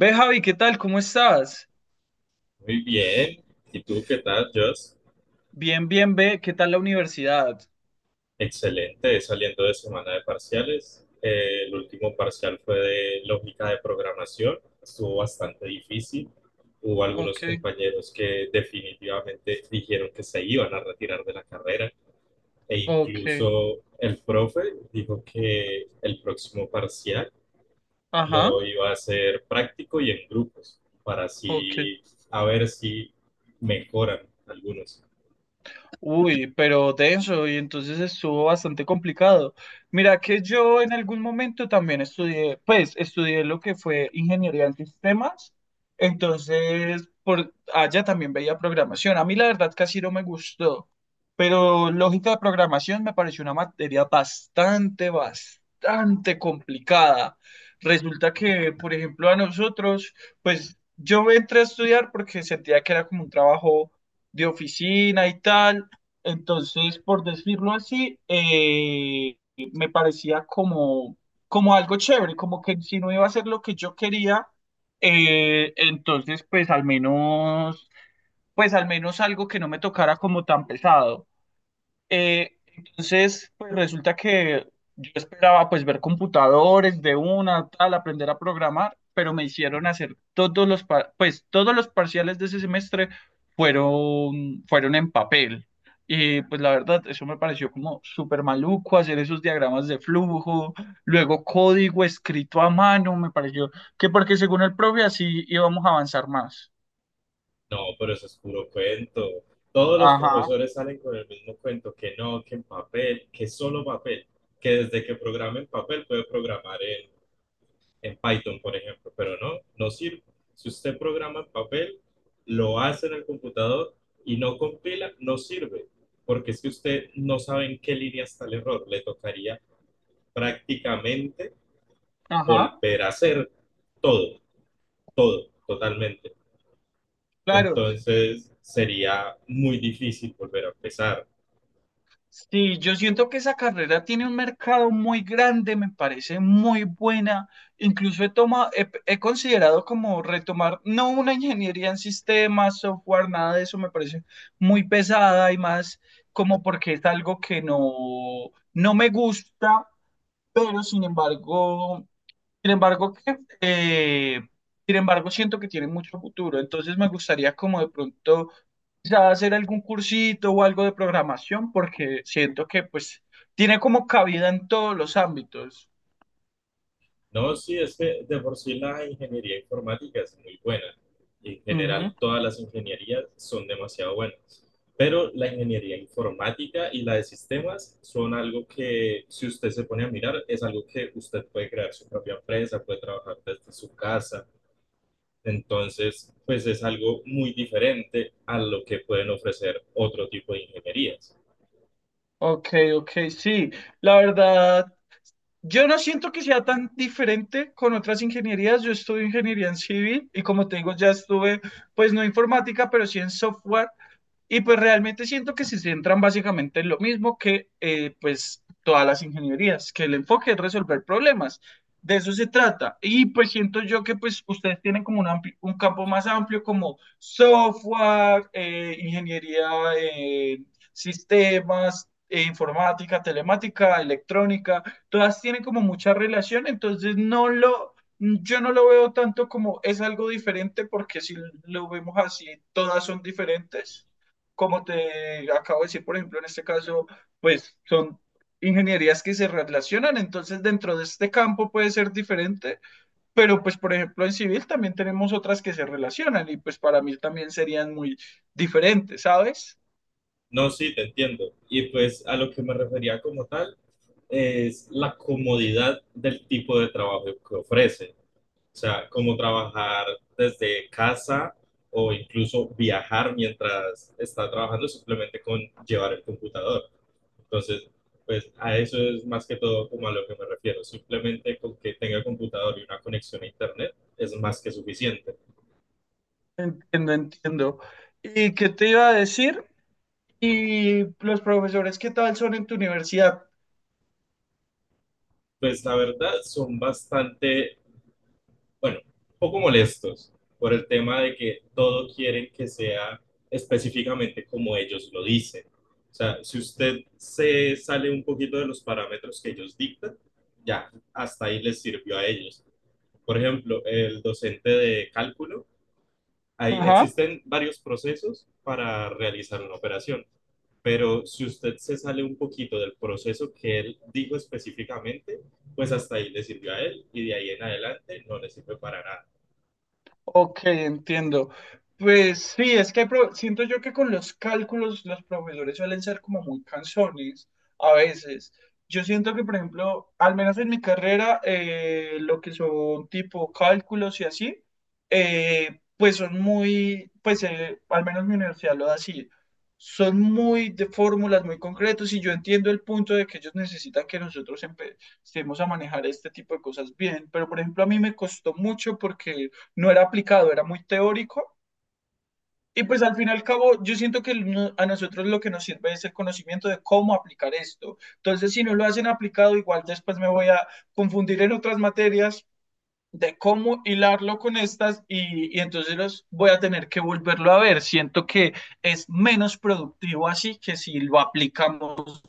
Ve, Javi, ¿qué tal? ¿Cómo estás? Muy bien. ¿Y tú qué tal, Joss? Bien, bien, ve, ¿qué tal la universidad? Excelente, saliendo de semana de parciales. El último parcial fue de lógica de programación. Estuvo bastante difícil. Hubo algunos Ok, compañeros que definitivamente dijeron que se iban a retirar de la carrera e ok, incluso el profe dijo que el próximo parcial lo ajá, iba a hacer práctico y en grupos para ok. así a ver si mejoran algunos. Uy, pero denso, y entonces estuvo bastante complicado. Mira que yo en algún momento también estudié, pues estudié lo que fue ingeniería en sistemas, entonces por allá también veía programación. A mí la verdad casi no me gustó, pero lógica de programación me pareció una materia bastante complicada. Resulta que, por ejemplo, a nosotros, pues yo entré a estudiar porque sentía que era como un trabajo de oficina y tal, entonces, por decirlo así, me parecía como, como algo chévere, como que si no iba a ser lo que yo quería. Entonces pues al menos algo que no me tocara como tan pesado. Entonces, pues resulta que yo esperaba pues ver computadores de una, tal, aprender a programar, pero me hicieron hacer pues todos los parciales de ese semestre fueron en papel. Y pues la verdad, eso me pareció como súper maluco hacer esos diagramas de flujo, luego código escrito a mano. Me pareció que porque según el profe así íbamos a avanzar más. No, pero eso es puro cuento. Todos los Ajá, profesores salen con el mismo cuento, que no, que en papel, que solo papel, que desde que programa en papel puede programar en Python, por ejemplo, pero no, no sirve. Si usted programa en papel, lo hace en el computador y no compila, no sirve, porque es que usted no sabe en qué línea está el error. Le tocaría prácticamente ajá. volver a hacer todo, todo, totalmente. Claro. Entonces sería muy difícil volver a empezar. Sí, yo siento que esa carrera tiene un mercado muy grande, me parece muy buena. Incluso he considerado como retomar, no una ingeniería en sistemas, software, nada de eso, me parece muy pesada y más como porque es algo que no me gusta, pero sin embargo, sin embargo, que, eh, sin embargo, siento que tiene mucho futuro. Entonces me gustaría como de pronto quizá hacer algún cursito o algo de programación, porque siento que pues tiene como cabida en todos los ámbitos. No, sí, es que de por sí la ingeniería informática es muy buena. En general, Ujú. todas las ingenierías son demasiado buenas. Pero la ingeniería informática y la de sistemas son algo que, si usted se pone a mirar, es algo que usted puede crear su propia empresa, puede trabajar desde su casa. Entonces, pues es algo muy diferente a lo que pueden ofrecer otro tipo de ingenierías. Ok, ok, sí. La verdad, yo no siento que sea tan diferente con otras ingenierías. Yo estudio ingeniería en civil y como te digo, ya estuve, pues no informática, pero sí en software. Y pues realmente siento que se centran básicamente en lo mismo que pues todas las ingenierías, que el enfoque es resolver problemas. De eso se trata. Y pues siento yo que pues ustedes tienen como un, un campo más amplio como software, ingeniería, eh, sistemas, informática, telemática, electrónica. Todas tienen como mucha relación, entonces yo no lo veo tanto como es algo diferente, porque si lo vemos así, todas son diferentes como te acabo de decir. Por ejemplo, en este caso, pues son ingenierías que se relacionan, entonces dentro de este campo puede ser diferente, pero pues por ejemplo en civil también tenemos otras que se relacionan y pues para mí también serían muy diferentes, ¿sabes? No, sí, te entiendo. Y pues a lo que me refería como tal es la comodidad del tipo de trabajo que ofrece. O sea, como trabajar desde casa o incluso viajar mientras está trabajando simplemente con llevar el computador. Entonces, pues a eso es más que todo como a lo que me refiero. Simplemente con que tenga computador y una conexión a internet es más que suficiente. Entiendo, entiendo. ¿Y qué te iba a decir? ¿Y los profesores qué tal son en tu universidad? Pues la verdad son bastante bueno, un poco molestos por el tema de que todo quieren que sea específicamente como ellos lo dicen. O sea, si usted se sale un poquito de los parámetros que ellos dictan, ya, hasta ahí les sirvió a ellos. Por ejemplo, el docente de cálculo, ahí Ajá. existen varios procesos para realizar una operación, pero si usted se sale un poquito del proceso que él dijo específicamente, pues hasta ahí le sirvió a él y de ahí en adelante no le sirve para nada. Ok, entiendo. Pues sí, es que siento yo que con los cálculos los profesores suelen ser como muy cansones a veces. Yo siento que, por ejemplo, al menos en mi carrera, lo que son tipo cálculos y así, pues son muy, al menos mi universidad lo da así, son muy de fórmulas muy concretos, y yo entiendo el punto de que ellos necesitan que nosotros empecemos a manejar este tipo de cosas bien, pero por ejemplo a mí me costó mucho porque no era aplicado, era muy teórico. Y pues al fin y al cabo, yo siento que a nosotros lo que nos sirve es el conocimiento de cómo aplicar esto. Entonces, si no lo hacen aplicado, igual después me voy a confundir en otras materias de cómo hilarlo con estas, y entonces los voy a tener que volverlo a ver. Siento que es menos productivo así que si lo aplicamos,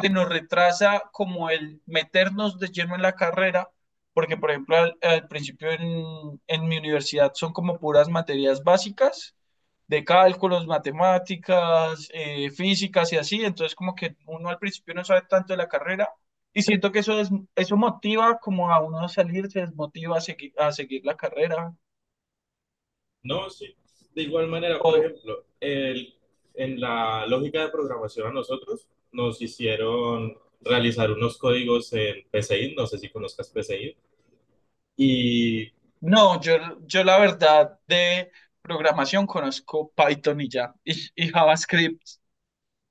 que nos retrasa como el meternos de lleno en la carrera, porque por ejemplo al principio en mi universidad son como puras materias básicas de cálculos, matemáticas, físicas y así, entonces como que uno al principio no sabe tanto de la carrera y siento que eso motiva como a uno a salir, se desmotiva a seguir la carrera. No, sí. De igual manera, por O ejemplo, en la lógica de programación a nosotros nos hicieron realizar unos códigos en Pseint. No sé si conozcas Pseint. Y no, yo la verdad de programación conozco Python y ya, y JavaScript.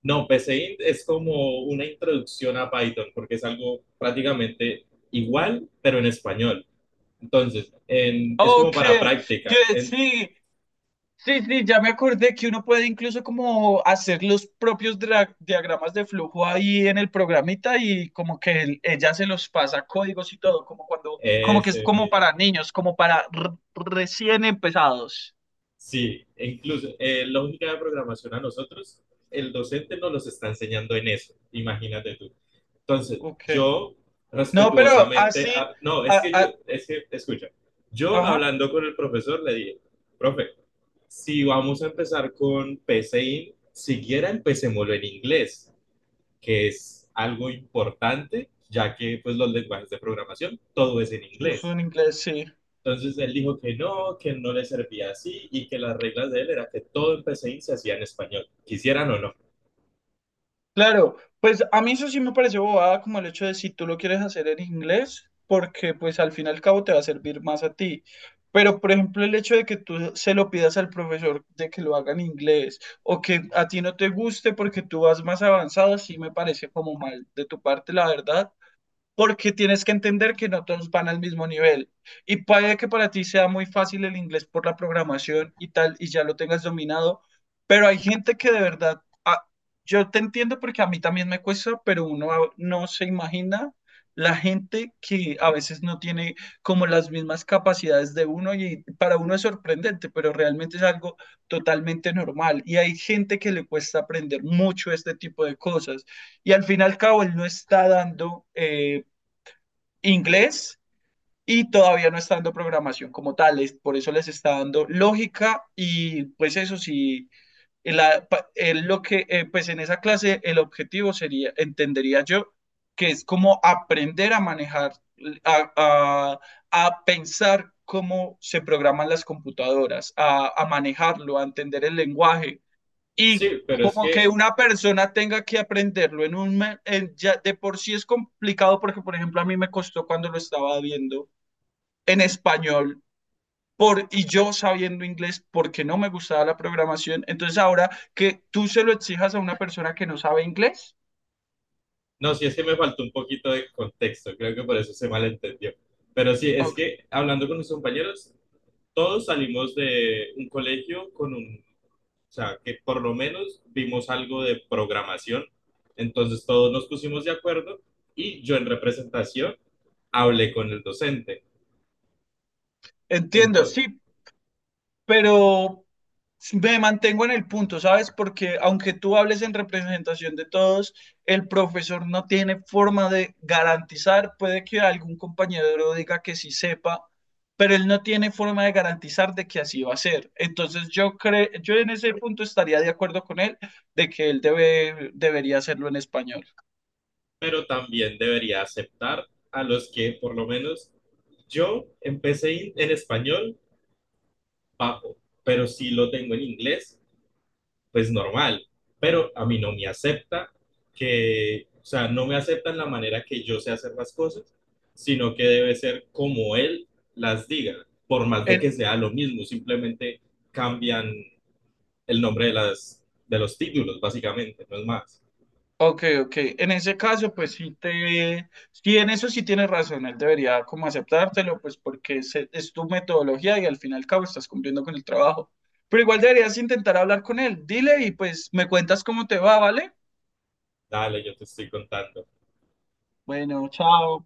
no, Pseint es como una introducción a Python porque es algo prácticamente igual, pero en español. Entonces, es como Ok, para práctica. que sí, sí, ya me acordé que uno puede incluso como hacer los propios diagramas de flujo ahí en el programita, y como que ella se los pasa códigos y todo, como cuando, como que es Ese como mismo. para niños, como para recién empezados. Sí, e incluso en lógica de programación a nosotros, el docente nos los está enseñando en eso, imagínate tú. Entonces, Ok. yo No, pero respetuosamente, así, a- no, es a- que yo, a- es que, escucha, yo ajá, hablando con el profesor le dije, profe, si vamos a empezar con PCI, siquiera empecémoslo en inglés, que es algo importante, ya que pues los lenguajes de programación, todo es en eso es inglés. en inglés, sí. Entonces él dijo que no le servía así y que las reglas de él era que todo en PCI se hacía en español, quisieran o no. Claro, pues a mí eso sí me parece bobada, como el hecho de si tú lo quieres hacer en inglés, porque pues al fin y al cabo te va a servir más a ti. Pero por ejemplo el hecho de que tú se lo pidas al profesor de que lo haga en inglés, o que a ti no te guste porque tú vas más avanzado, sí me parece como mal de tu parte, la verdad, porque tienes que entender que no todos van al mismo nivel. Y puede que para ti sea muy fácil el inglés por la programación y tal, y ya lo tengas dominado, pero hay gente que de verdad, ah, yo te entiendo porque a mí también me cuesta, pero uno no se imagina la gente que a veces no tiene como las mismas capacidades de uno, y para uno es sorprendente, pero realmente es algo totalmente normal. Y hay gente que le cuesta aprender mucho este tipo de cosas, y al fin y al cabo él no está dando inglés, y todavía no está dando programación como tal, por eso les está dando lógica, y pues eso sí, en la, pa- en lo que, pues en esa clase el objetivo sería, entendería yo, que es como aprender a manejar, a, a- a pensar cómo se programan las computadoras, a manejarlo, a entender el lenguaje, y Sí, pero es como que que una persona tenga que aprenderlo en un ya de por sí es complicado, porque por ejemplo a mí me costó cuando lo estaba viendo en español, por y yo sabiendo inglés porque no me gustaba la programación. Entonces ahora que tú se lo exijas a una persona que no sabe inglés, No, sí, es que me faltó un poquito de contexto, creo que por eso se malentendió. Pero sí, es ok, que hablando con mis compañeros, todos salimos de un colegio o sea, que por lo menos vimos algo de programación, entonces todos nos pusimos de acuerdo y yo en representación hablé con el docente. entiendo, Ento- sí, pero me mantengo en el punto, ¿sabes? Porque aunque tú hables en representación de todos, el profesor no tiene forma de garantizar, puede que algún compañero diga que sí sepa, pero él no tiene forma de garantizar de que así va a ser. Entonces yo creo, yo en ese punto estaría de acuerdo con él de que él debe, debería hacerlo en español. pero también debería aceptar a los que por lo menos yo en español bajo, pero sí lo tengo en inglés pues normal, pero a mí no me acepta que, o sea, no me aceptan la manera que yo sé hacer las cosas, sino que debe ser como él las diga, por más de En, que sea lo mismo, simplemente cambian el nombre de, las, de los títulos, básicamente, no es más. Ok, ok. En ese caso, pues sí te, sí, en eso sí tienes razón, él debería como aceptártelo, pues porque es tu metodología y al fin y al cabo estás cumpliendo con el trabajo. Pero igual deberías intentar hablar con él. Dile y pues me cuentas cómo te va, ¿vale? Dale, yo te estoy contando. Bueno, chao.